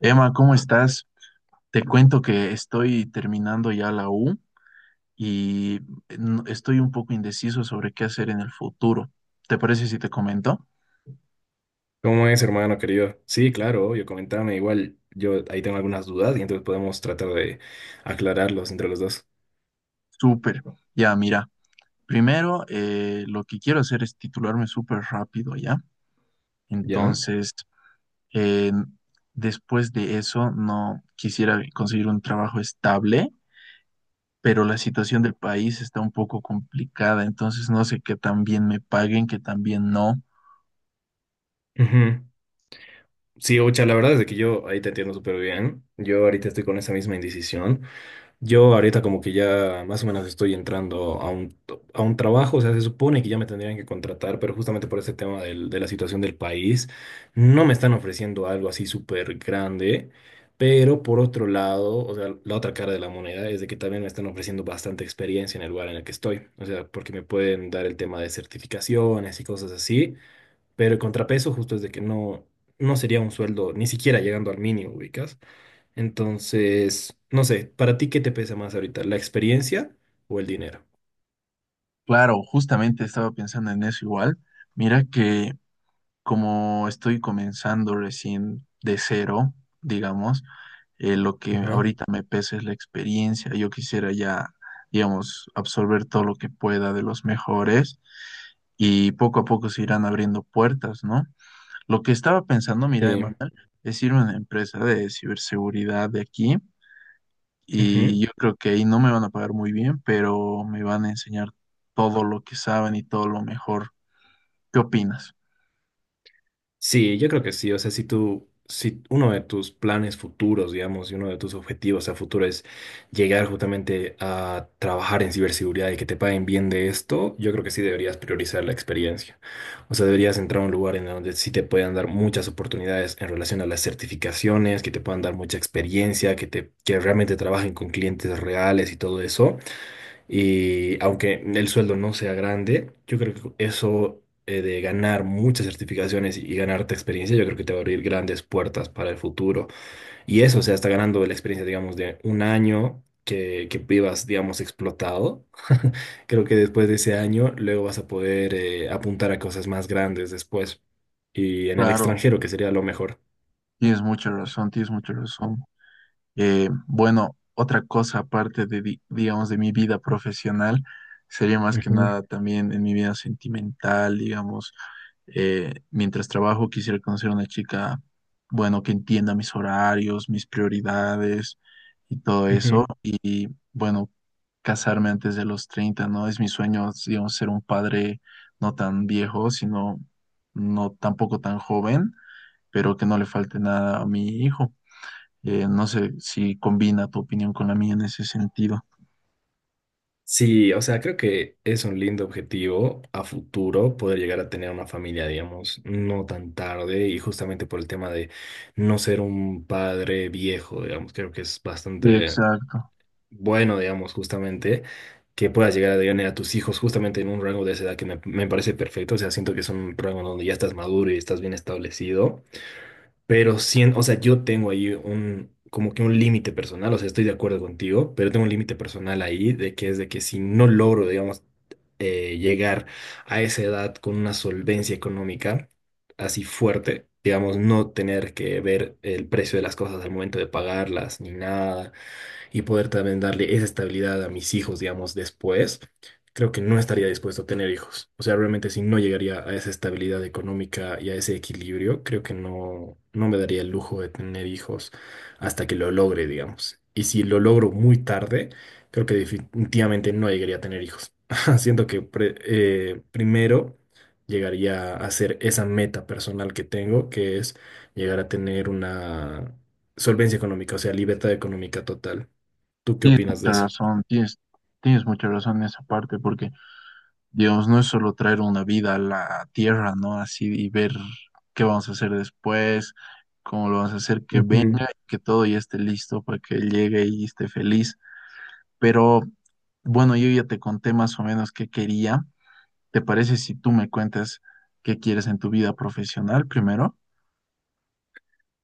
Emma, ¿cómo estás? Te cuento que estoy terminando ya la U y estoy un poco indeciso sobre qué hacer en el futuro. ¿Te parece si te comento? ¿Cómo es, hermano querido? Sí, claro, obvio, comentame. Igual yo ahí tengo algunas dudas y entonces podemos tratar de aclararlos entre los dos. Súper. Ya, mira, primero lo que quiero hacer es titularme súper rápido, ¿ya? ¿Ya? Entonces, eh, después de eso, no quisiera conseguir un trabajo estable, pero la situación del país está un poco complicada, entonces no sé qué tan bien me paguen, qué tan bien no. Ujú. Sí, Ocha, la verdad es de que yo ahí te entiendo súper bien. Yo ahorita estoy con esa misma indecisión. Yo ahorita como que ya más o menos estoy entrando a un, a un trabajo, o sea, se supone que ya me tendrían que contratar, pero justamente por ese tema de la situación del país, no me están ofreciendo algo así súper grande, pero por otro lado, o sea, la otra cara de la moneda es de que también me están ofreciendo bastante experiencia en el lugar en el que estoy, o sea, porque me pueden dar el tema de certificaciones y cosas así, pero el contrapeso justo es de que no, no sería un sueldo ni siquiera llegando al mínimo, ubicas. Entonces, no sé, ¿para ti qué te pesa más ahorita? ¿La experiencia o el dinero? Claro, justamente estaba pensando en eso igual. Mira que como estoy comenzando recién de cero, digamos, lo que Ajá. ahorita me pesa es la experiencia. Yo quisiera ya, digamos, absorber todo lo que pueda de los mejores y poco a poco se irán abriendo puertas, ¿no? Lo que estaba pensando, mira, Sí. Emanuel, es ir a una empresa de ciberseguridad de aquí y Ujú. yo creo que ahí no me van a pagar muy bien, pero me van a enseñar todo lo que saben y todo lo mejor. ¿Qué opinas? Sí, yo creo que sí. O sea, si tú, si uno de tus planes futuros, digamos, y uno de tus objetivos a futuro es llegar justamente a trabajar en ciberseguridad y que te paguen bien de esto, yo creo que sí deberías priorizar la experiencia. O sea, deberías entrar a un lugar en donde sí te puedan dar muchas oportunidades en relación a las certificaciones, que te puedan dar mucha experiencia, que realmente trabajen con clientes reales y todo eso. Y aunque el sueldo no sea grande, yo creo que eso de ganar muchas certificaciones y ganarte experiencia, yo creo que te va a abrir grandes puertas para el futuro. Y eso, o sea, está ganando la experiencia, digamos, de un año que vivas, digamos, explotado. Creo que después de ese año, luego vas a poder apuntar a cosas más grandes después. Y en el Claro, extranjero, que sería lo mejor. tienes mucha razón, tienes mucha razón. Bueno, otra cosa aparte de, digamos, de mi vida profesional, sería más que Ujú, nada también en mi vida sentimental, digamos, mientras trabajo quisiera conocer a una chica, bueno, que entienda mis horarios, mis prioridades y todo eso. ujú. Bueno, casarme antes de los 30, ¿no? Es mi sueño, digamos, ser un padre no tan viejo, sino no tampoco tan joven, pero que no le falte nada a mi hijo. No sé si combina tu opinión con la mía en ese sentido. Sí, o sea, creo que es un lindo objetivo a futuro poder llegar a tener una familia, digamos, no tan tarde y justamente por el tema de no ser un padre viejo, digamos, creo que es Sí, bastante exacto. bueno, digamos, justamente que puedas llegar a tener a tus hijos justamente en un rango de esa edad que me parece perfecto, o sea, siento que es un rango donde ya estás maduro y estás bien establecido, pero siento, o sea, yo tengo ahí un, como que un límite personal, o sea, estoy de acuerdo contigo, pero tengo un límite personal ahí de que es de que si no logro, digamos, llegar a esa edad con una solvencia económica así fuerte, digamos, no tener que ver el precio de las cosas al momento de pagarlas ni nada y poder también darle esa estabilidad a mis hijos, digamos, después, creo que no estaría dispuesto a tener hijos. O sea, realmente si no llegaría a esa estabilidad económica y a ese equilibrio, creo que no, no me daría el lujo de tener hijos hasta que lo logre, digamos. Y si lo logro muy tarde, creo que definitivamente no llegaría a tener hijos. Siento que primero llegaría a hacer esa meta personal que tengo, que es llegar a tener una solvencia económica, o sea, libertad económica total. ¿Tú qué Tienes opinas de mucha eso? razón, tienes, tienes mucha razón en esa parte, porque Dios, no es solo traer una vida a la tierra, ¿no? Así y ver qué vamos a hacer después, cómo lo vamos a hacer, que venga, Ujú. que todo ya esté listo para que él llegue y esté feliz. Pero bueno, yo ya te conté más o menos qué quería. ¿Te parece si tú me cuentas qué quieres en tu vida profesional primero?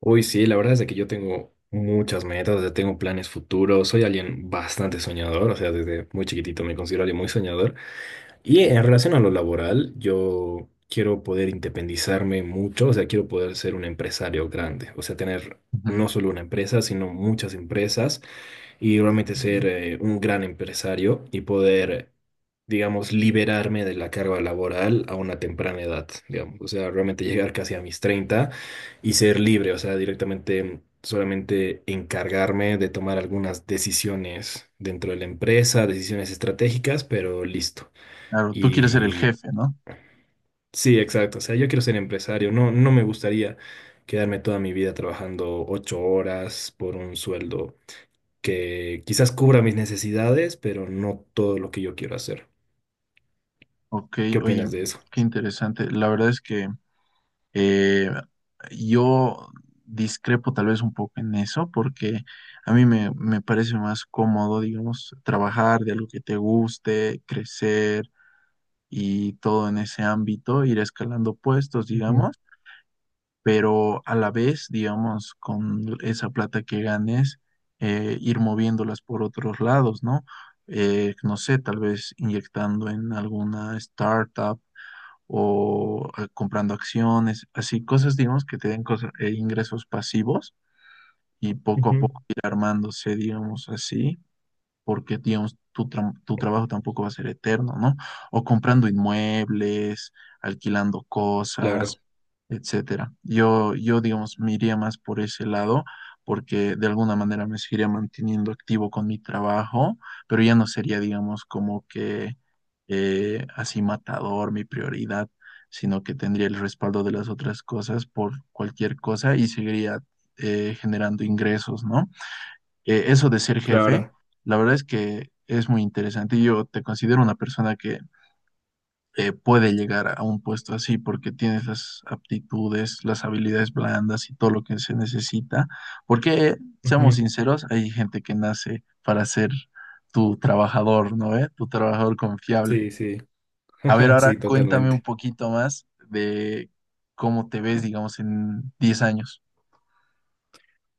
Uy, sí, la verdad es de que yo tengo muchas metas, o sea, tengo planes futuros, soy alguien bastante soñador, o sea, desde muy chiquitito me considero alguien muy soñador. Y en relación a lo laboral, yo quiero poder independizarme mucho, o sea, quiero poder ser un empresario grande, o sea, tener no solo una empresa, sino muchas empresas y realmente ser Ujú. Un gran empresario y poder, digamos, liberarme de la carga laboral a una temprana edad, digamos, o sea, realmente llegar casi a mis 30 y ser libre, o sea, directamente solamente encargarme de tomar algunas decisiones dentro de la empresa, decisiones estratégicas, pero listo. Claro, tú quieres ser el Y jefe, ¿no? sí, exacto, o sea, yo quiero ser empresario, no, no me gustaría quedarme toda mi vida trabajando 8 horas por un sueldo que quizás cubra mis necesidades, pero no todo lo que yo quiero hacer. Ok, ¿Qué oye, opinas de eso? qué interesante. La verdad es que Eh, yo discrepo tal vez un poco en eso porque a mí me parece más cómodo, digamos, trabajar de algo que te guste, crecer y todo en ese ámbito, ir escalando puestos, Ujú, digamos, pero a la vez, digamos, con esa plata que ganes, ir moviéndolas por otros lados, ¿no? No sé, tal vez inyectando en alguna startup o comprando acciones, así cosas, digamos, que te den ingresos pasivos y poco a ujú. poco ir armándose, digamos, así porque, digamos, tu trabajo tampoco va a ser eterno, ¿no? O comprando inmuebles, alquilando Claro, cosas, etcétera. Yo, digamos, me iría más por ese lado, porque de alguna manera me seguiría manteniendo activo con mi trabajo, pero ya no sería, digamos, como que así matador mi prioridad, sino que tendría el respaldo de las otras cosas por cualquier cosa y seguiría generando ingresos, ¿no? Eh, eso de ser jefe, claro. la verdad es que es muy interesante. Yo te considero una persona que puede llegar a un puesto así porque tienes las aptitudes, las habilidades blandas y todo lo que se necesita. Porque, seamos Ujú. sinceros, hay gente que nace para ser tu trabajador, ¿no? ¿Eh? Tu trabajador confiable. Sí, sí, A ver, ahora sí, cuéntame un totalmente. poquito más de cómo te ves, digamos, en 10 años.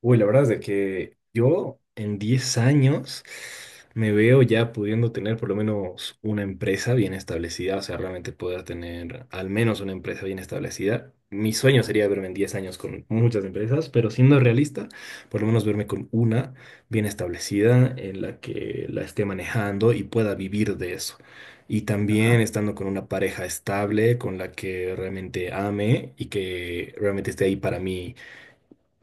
Uy, la verdad es de que yo en 10 años me veo ya pudiendo tener por lo menos una empresa bien establecida, o sea, realmente poder tener al menos una empresa bien establecida. Mi sueño sería verme en 10 años con muchas empresas, pero siendo realista, por lo menos verme con una bien establecida en la que la esté manejando y pueda vivir de eso. Y ¿Verdad? también estando con una pareja estable, con la que realmente ame y que realmente esté ahí para mí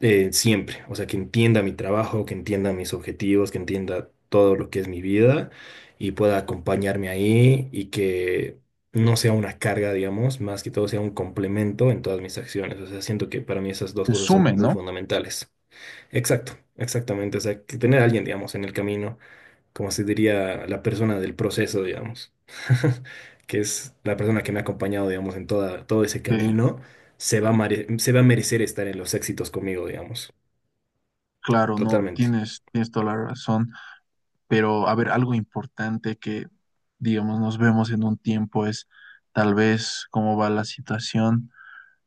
siempre, o sea, que entienda mi trabajo, que entienda mis objetivos, que entienda todo lo que es mi vida y pueda acompañarme ahí y que no sea una carga, digamos, más que todo sea un complemento en todas mis acciones. O sea, siento que para mí esas dos Te cosas son sume, muy ¿no? fundamentales. Exacto, exactamente, o sea, que tener a alguien, digamos, en el camino, como se diría, la persona del proceso, digamos, que es la persona que me ha acompañado, digamos, todo ese Eh, camino. Se va a merecer estar en los éxitos conmigo, digamos. claro, no, Totalmente. tienes, tienes toda la razón. Pero, a ver, algo importante que, digamos, nos vemos en un tiempo es tal vez cómo va la situación.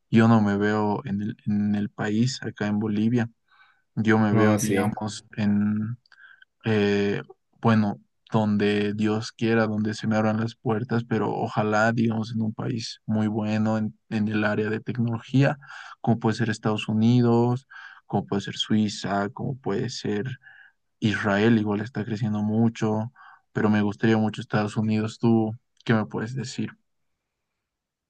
Yo no me veo en en el país, acá en Bolivia. Yo me veo, Ah, sí. digamos, en, eh, bueno, donde Dios quiera, donde se me abran las puertas, pero ojalá, digamos, en un país muy bueno en el área de tecnología, como puede ser Estados Unidos, como puede ser Suiza, como puede ser Israel igual está creciendo mucho, pero me gustaría mucho Estados Unidos. ¿Tú qué me puedes decir?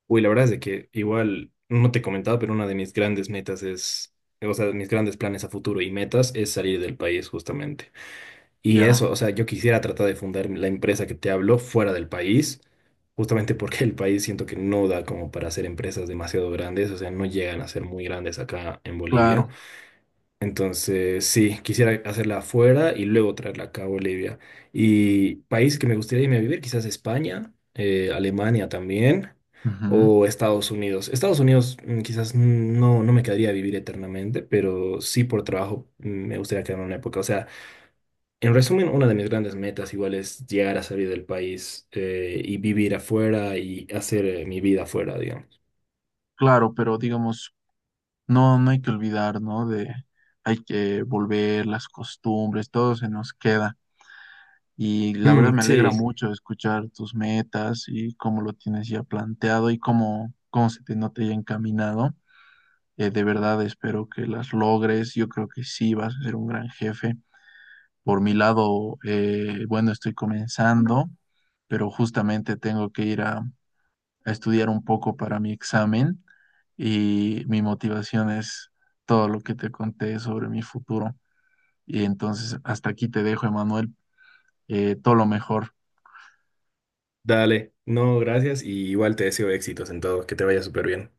Uy, la verdad es de que igual, no te he comentado, pero una de mis grandes metas es, o sea, de mis grandes planes a futuro y metas es salir del país justamente. Y Ya, eso, o sea, yo quisiera tratar de fundar la empresa que te hablo fuera del país, justamente porque el país siento que no da como para hacer empresas demasiado grandes, o sea, no llegan a ser muy grandes acá en Bolivia. claro, Entonces, sí, quisiera hacerla afuera y luego traerla acá a Bolivia. Y país que me gustaría irme a vivir, quizás España, Alemania también, ujú, o Estados Unidos. Estados Unidos quizás no, no me quedaría a vivir eternamente, pero sí por trabajo me gustaría quedarme una época. O sea, en resumen, una de mis grandes metas igual es llegar a salir del país y vivir afuera y hacer mi vida afuera, digamos. claro, pero digamos, no, no hay que olvidar, ¿no? De, hay que volver las costumbres, todo se nos queda. Y la verdad Mm, me alegra sí, mucho escuchar tus metas y cómo lo tienes ya planteado y cómo, cómo se te nota ya encaminado. De verdad espero que las logres. Yo creo que sí vas a ser un gran jefe. Por mi lado, bueno, estoy comenzando, pero justamente tengo que ir a estudiar un poco para mi examen y mi motivación es todo lo que te conté sobre mi futuro. Y entonces, hasta aquí te dejo, Emanuel. Todo lo mejor. dale. No, gracias y igual te deseo éxitos en todo, que te vaya súper bien.